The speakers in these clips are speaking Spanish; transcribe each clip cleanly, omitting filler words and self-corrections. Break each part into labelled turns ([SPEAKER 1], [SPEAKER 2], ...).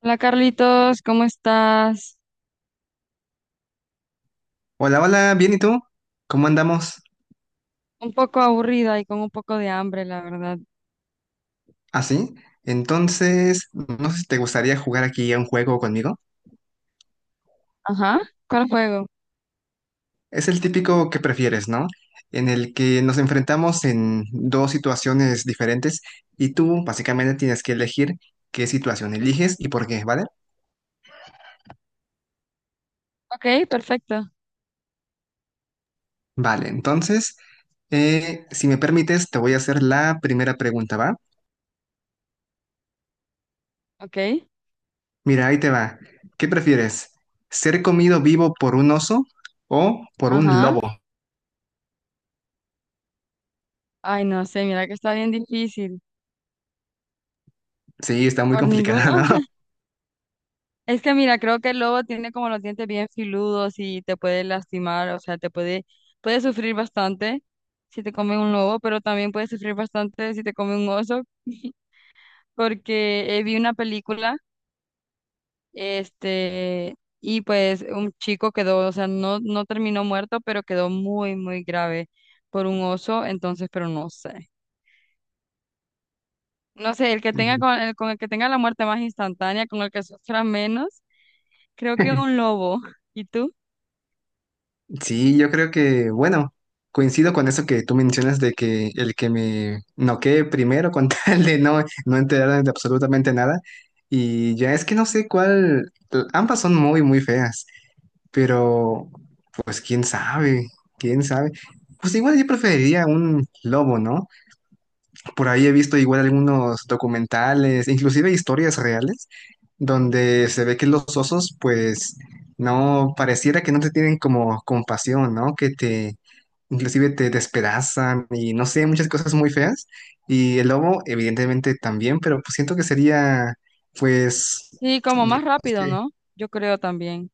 [SPEAKER 1] Hola Carlitos, ¿cómo estás?
[SPEAKER 2] Hola, hola, bien, ¿y tú? ¿Cómo andamos?
[SPEAKER 1] Un poco aburrida y con un poco de hambre, la verdad.
[SPEAKER 2] ¿Así? Entonces, no sé si te gustaría jugar aquí a un juego conmigo.
[SPEAKER 1] Ajá, ¿cuál juego?
[SPEAKER 2] Es el típico que prefieres, ¿no? En el que nos enfrentamos en dos situaciones diferentes y tú básicamente tienes que elegir qué situación eliges y por qué, ¿vale?
[SPEAKER 1] Ok, perfecto.
[SPEAKER 2] Vale, entonces, si me permites, te voy a hacer la primera pregunta, ¿va?
[SPEAKER 1] Ok,
[SPEAKER 2] Mira, ahí te va. ¿Qué prefieres? ¿Ser comido vivo por un oso o por un
[SPEAKER 1] ajá.
[SPEAKER 2] lobo?
[SPEAKER 1] Ay, no sé, mira que está bien difícil.
[SPEAKER 2] Sí, está muy
[SPEAKER 1] ¿Por ninguno?
[SPEAKER 2] complicada, ¿no?
[SPEAKER 1] Es que mira, creo que el lobo tiene como los dientes bien filudos y te puede lastimar, o sea, te puede, puede sufrir bastante si te come un lobo, pero también puede sufrir bastante si te come un oso, porque vi una película. Este, y pues un chico quedó, o sea, no terminó muerto, pero quedó muy, muy grave por un oso, entonces, pero no sé. No sé, el que tenga
[SPEAKER 2] Mm.
[SPEAKER 1] con el que tenga la muerte más instantánea, con el que sufra menos, creo que un lobo. ¿Y tú?
[SPEAKER 2] Sí, yo creo que, bueno, coincido con eso que tú mencionas de que el que me noquee primero con tal de no enterarme de absolutamente nada. Y ya es que no sé cuál, ambas son muy, muy feas, pero pues quién sabe, quién sabe. Pues igual yo preferiría un lobo, ¿no? Por ahí he visto igual algunos documentales, inclusive historias reales, donde se ve que los osos, pues, no, pareciera que no te tienen como compasión, ¿no? Que te, inclusive te despedazan y no sé, muchas cosas muy feas. Y el lobo, evidentemente, también, pero pues siento que sería, pues,
[SPEAKER 1] Sí, como más
[SPEAKER 2] digamos
[SPEAKER 1] rápido,
[SPEAKER 2] que,
[SPEAKER 1] ¿no? Yo creo también.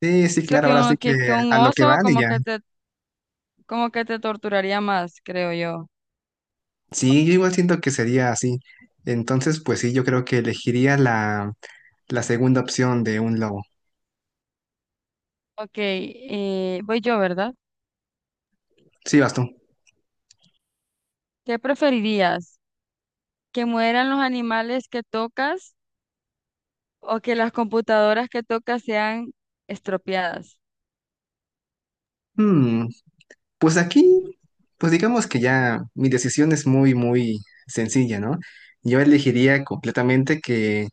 [SPEAKER 2] sí, sí,
[SPEAKER 1] Siento
[SPEAKER 2] claro,
[SPEAKER 1] que
[SPEAKER 2] ahora sí
[SPEAKER 1] un,
[SPEAKER 2] que
[SPEAKER 1] que, que un
[SPEAKER 2] a lo que
[SPEAKER 1] oso
[SPEAKER 2] van y ya.
[SPEAKER 1] como que te torturaría más, creo yo.
[SPEAKER 2] Sí, yo igual siento que sería así. Entonces, pues sí, yo creo que elegiría la segunda opción de un lobo.
[SPEAKER 1] Ok, voy yo, ¿verdad?
[SPEAKER 2] Sí, vas tú.
[SPEAKER 1] ¿Qué preferirías? ¿Que mueran los animales que tocas o que las computadoras que tocas sean estropeadas?
[SPEAKER 2] Hmm, pues aquí, pues digamos que ya mi decisión es muy, muy sencilla, ¿no? Yo elegiría completamente que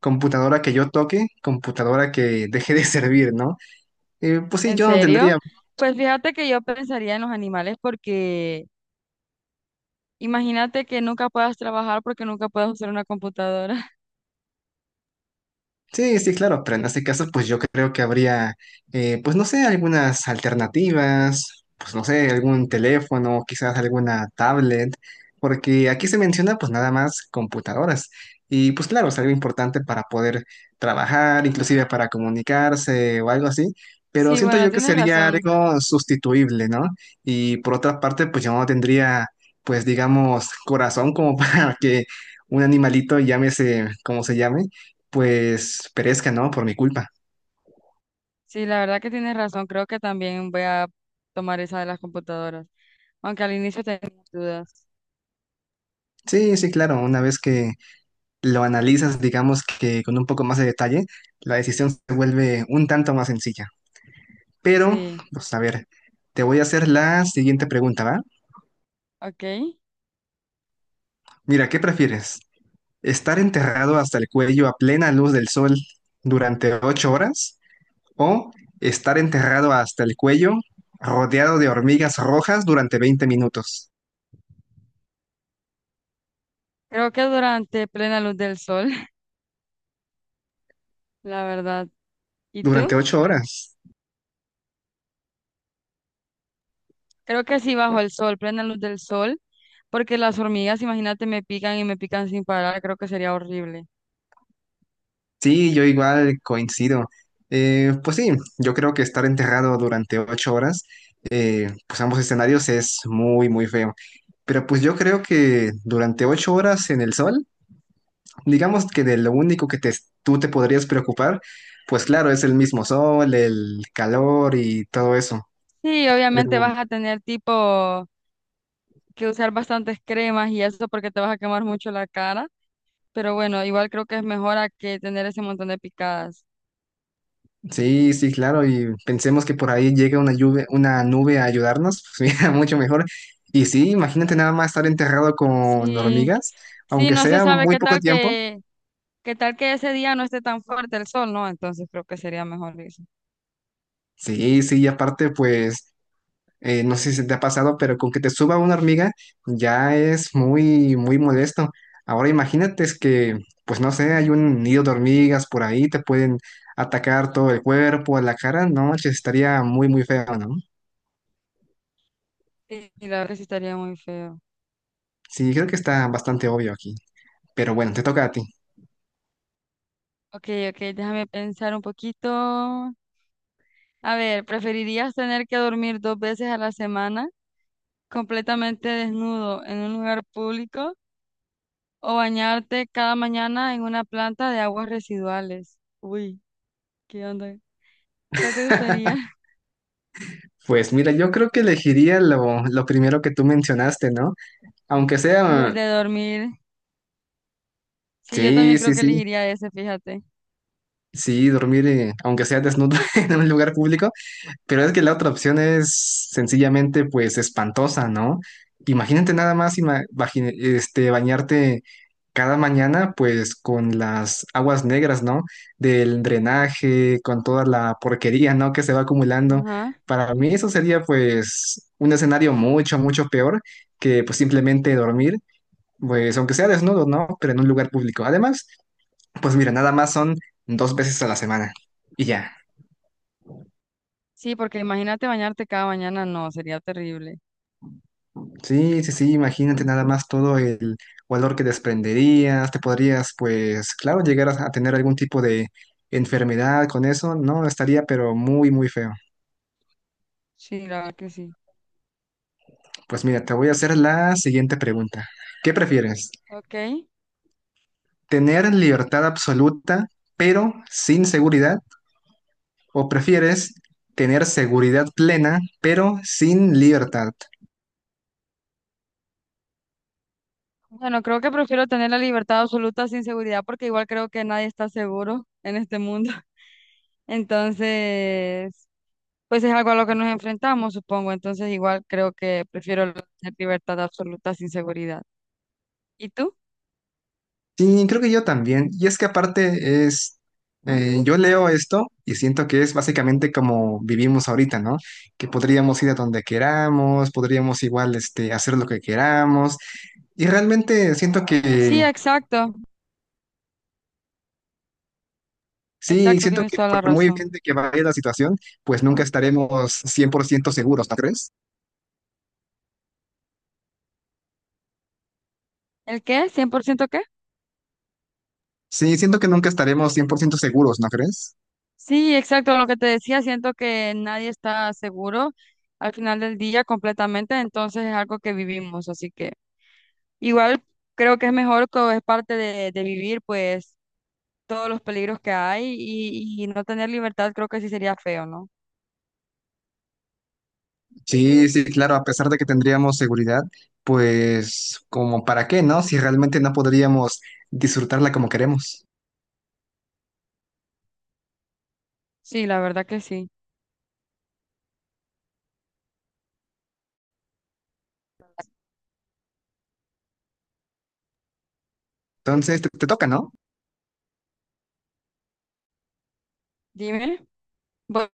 [SPEAKER 2] computadora que yo toque, computadora que deje de servir, ¿no? Pues sí,
[SPEAKER 1] ¿En
[SPEAKER 2] yo no
[SPEAKER 1] serio?
[SPEAKER 2] tendría.
[SPEAKER 1] Pues fíjate que yo pensaría en los animales porque imagínate que nunca puedas trabajar porque nunca puedas usar una computadora.
[SPEAKER 2] Sí, sí, claro, pero en este caso, pues yo creo que habría, pues no sé, algunas alternativas, pues no sé, algún teléfono, quizás alguna tablet, porque aquí se menciona pues nada más computadoras. Y pues claro, es algo importante para poder trabajar, inclusive para comunicarse o algo así, pero
[SPEAKER 1] Sí,
[SPEAKER 2] siento
[SPEAKER 1] bueno,
[SPEAKER 2] yo que
[SPEAKER 1] tienes
[SPEAKER 2] sería
[SPEAKER 1] razón.
[SPEAKER 2] algo sustituible, ¿no? Y por otra parte, pues yo no tendría, pues digamos, corazón como para que un animalito, llámese como se llame pues perezca, ¿no? Por mi culpa.
[SPEAKER 1] Sí, la verdad que tienes razón. Creo que también voy a tomar esa de las computadoras, aunque al inicio tenía mis dudas.
[SPEAKER 2] Sí, sí, claro, una vez que lo analizas, digamos que con un poco más de detalle, la decisión se vuelve un tanto más sencilla. Pero,
[SPEAKER 1] Sí,
[SPEAKER 2] pues a ver, te voy a hacer la siguiente pregunta, ¿va?
[SPEAKER 1] ok.
[SPEAKER 2] Mira, ¿qué prefieres? ¿Estar enterrado hasta el cuello a plena luz del sol durante 8 horas? ¿O estar enterrado hasta el cuello rodeado de hormigas rojas durante 20 minutos?
[SPEAKER 1] Creo que durante plena luz del sol, la verdad. ¿Y
[SPEAKER 2] Durante
[SPEAKER 1] tú?
[SPEAKER 2] ocho horas.
[SPEAKER 1] Creo que sí, bajo el sol, plena luz del sol, porque las hormigas, imagínate, me pican y me pican sin parar, creo que sería horrible.
[SPEAKER 2] Sí, yo igual coincido. Pues sí, yo creo que estar enterrado durante 8 horas, pues ambos escenarios es muy, muy feo. Pero pues yo creo que durante 8 horas en el sol, digamos que de lo único que tú te podrías preocupar, pues claro, es el mismo sol, el calor y todo eso.
[SPEAKER 1] Sí, obviamente
[SPEAKER 2] Pero
[SPEAKER 1] vas a tener tipo que usar bastantes cremas y eso porque te vas a quemar mucho la cara, pero bueno, igual creo que es mejor a que tener ese montón de picadas.
[SPEAKER 2] sí, sí, claro, y pensemos que por ahí llega una lluvia, una nube a ayudarnos, pues mira, mucho mejor. Y sí, imagínate nada más estar enterrado con
[SPEAKER 1] Sí,
[SPEAKER 2] hormigas,
[SPEAKER 1] sí,
[SPEAKER 2] aunque
[SPEAKER 1] no se
[SPEAKER 2] sea
[SPEAKER 1] sabe
[SPEAKER 2] muy poco tiempo.
[SPEAKER 1] qué tal que ese día no esté tan fuerte el sol, ¿no? Entonces creo que sería mejor eso.
[SPEAKER 2] Sí, sí, y aparte, pues, no sé si te ha pasado, pero con que te suba una hormiga ya es muy, muy molesto. Ahora imagínate es que, pues no sé, hay un nido de hormigas por ahí, te pueden atacar todo el cuerpo, la cara, no, manches, estaría muy, muy feo, ¿no?
[SPEAKER 1] Sí, la verdad que sí estaría muy feo.
[SPEAKER 2] Sí, creo que está bastante obvio aquí. Pero bueno, te toca a ti.
[SPEAKER 1] Ok, ok, déjame pensar un poquito. A ver, ¿preferirías tener que dormir 2 veces a la semana completamente desnudo en un lugar público o bañarte cada mañana en una planta de aguas residuales? Uy, ¿qué onda? ¿Cuál te gustaría?
[SPEAKER 2] Pues mira, yo creo que elegiría lo primero que tú mencionaste, ¿no? Aunque
[SPEAKER 1] Y el
[SPEAKER 2] sea,
[SPEAKER 1] de dormir. Sí, yo también
[SPEAKER 2] sí,
[SPEAKER 1] creo
[SPEAKER 2] sí,
[SPEAKER 1] que
[SPEAKER 2] sí,
[SPEAKER 1] elegiría ese, fíjate.
[SPEAKER 2] sí, dormir, aunque sea desnudo en un lugar público. Pero es que la otra opción es sencillamente pues espantosa, ¿no? Imagínate nada más este, bañarte cada mañana pues con las aguas negras, ¿no? Del drenaje, con toda la porquería, ¿no? Que se va acumulando.
[SPEAKER 1] Ajá.
[SPEAKER 2] Para mí eso sería pues un escenario mucho, mucho peor que pues simplemente dormir, pues aunque sea desnudo, ¿no? Pero en un lugar público. Además, pues mira, nada más son dos veces a la semana y ya.
[SPEAKER 1] Sí, porque imagínate bañarte cada mañana, no, sería terrible.
[SPEAKER 2] Sí, sí, sí, imagínate nada más todo el valor que desprenderías, te podrías, pues, claro, llegar a tener algún tipo de enfermedad con eso, no, estaría pero muy, muy feo.
[SPEAKER 1] Sí, la verdad que sí.
[SPEAKER 2] Pues mira, te voy a hacer la siguiente pregunta. ¿Qué prefieres?
[SPEAKER 1] Ok.
[SPEAKER 2] ¿Tener libertad absoluta, pero sin seguridad? ¿O prefieres tener seguridad plena, pero sin libertad?
[SPEAKER 1] Bueno, creo que prefiero tener la libertad absoluta sin seguridad porque igual creo que nadie está seguro en este mundo. Entonces, pues es algo a lo que nos enfrentamos, supongo. Entonces, igual creo que prefiero tener libertad absoluta sin seguridad. ¿Y tú?
[SPEAKER 2] Sí, creo que yo también. Y es que aparte es, yo leo esto y siento que es básicamente como vivimos ahorita, ¿no? Que podríamos ir a donde queramos, podríamos igual, este, hacer lo que queramos. Y realmente siento
[SPEAKER 1] Sí,
[SPEAKER 2] que,
[SPEAKER 1] exacto.
[SPEAKER 2] sí,
[SPEAKER 1] Exacto,
[SPEAKER 2] siento
[SPEAKER 1] tienes
[SPEAKER 2] que
[SPEAKER 1] toda la
[SPEAKER 2] por muy
[SPEAKER 1] razón.
[SPEAKER 2] bien de que vaya la situación, pues nunca estaremos 100% seguros, ¿no crees?
[SPEAKER 1] ¿El qué? ¿100% qué?
[SPEAKER 2] Sí, siento que nunca estaremos 100% seguros, ¿no crees?
[SPEAKER 1] Sí, exacto, lo que te decía, siento que nadie está seguro al final del día completamente, entonces es algo que vivimos, así que igual creo que es mejor, que es parte de vivir pues todos los peligros que hay y no tener libertad creo que sí sería feo, ¿no?
[SPEAKER 2] Sí, sí, claro, a pesar de que tendríamos seguridad, pues como para qué, ¿no? Si realmente no podríamos disfrutarla como queremos.
[SPEAKER 1] Sí, la verdad que sí.
[SPEAKER 2] Entonces, te toca, ¿no?
[SPEAKER 1] Dime. Bu-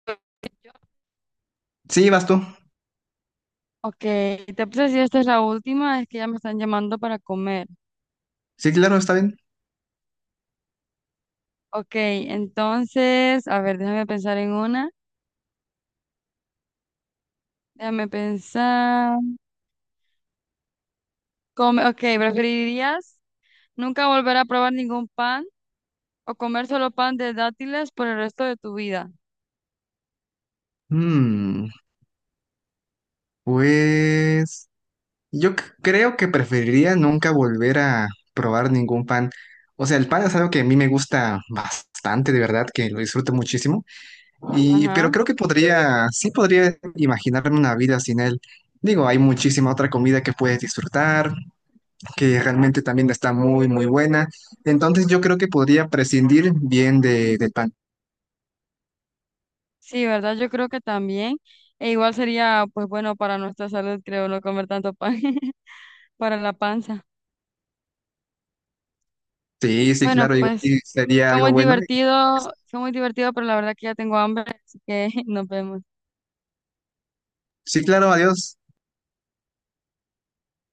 [SPEAKER 2] Sí, vas tú.
[SPEAKER 1] ok, te puse si esta es la última, es que ya me están llamando para comer.
[SPEAKER 2] Sí, claro, está bien.
[SPEAKER 1] Ok, entonces, a ver, déjame pensar en una. Déjame pensar. Come, ok, ¿preferirías nunca volver a probar ningún pan o comer solo pan de dátiles por el resto de tu vida?
[SPEAKER 2] Mm, pues yo creo que preferiría nunca volver a probar ningún pan. O sea, el pan es algo que a mí me gusta bastante, de verdad, que lo disfruto muchísimo. Y, pero
[SPEAKER 1] Ajá.
[SPEAKER 2] creo que podría, sí podría imaginarme una vida sin él. Digo, hay muchísima otra comida que puedes disfrutar, que realmente también está muy, muy buena. Entonces yo creo que podría prescindir bien de, del pan.
[SPEAKER 1] Sí, ¿verdad? Yo creo que también. E igual sería, pues bueno, para nuestra salud, creo, no comer tanto pan para la panza.
[SPEAKER 2] Sí, sí,
[SPEAKER 1] Bueno,
[SPEAKER 2] claro, igual
[SPEAKER 1] pues
[SPEAKER 2] y sería algo bueno. Y...
[SPEAKER 1] fue muy divertido, pero la verdad que ya tengo hambre, así que nos vemos.
[SPEAKER 2] Sí, claro, adiós.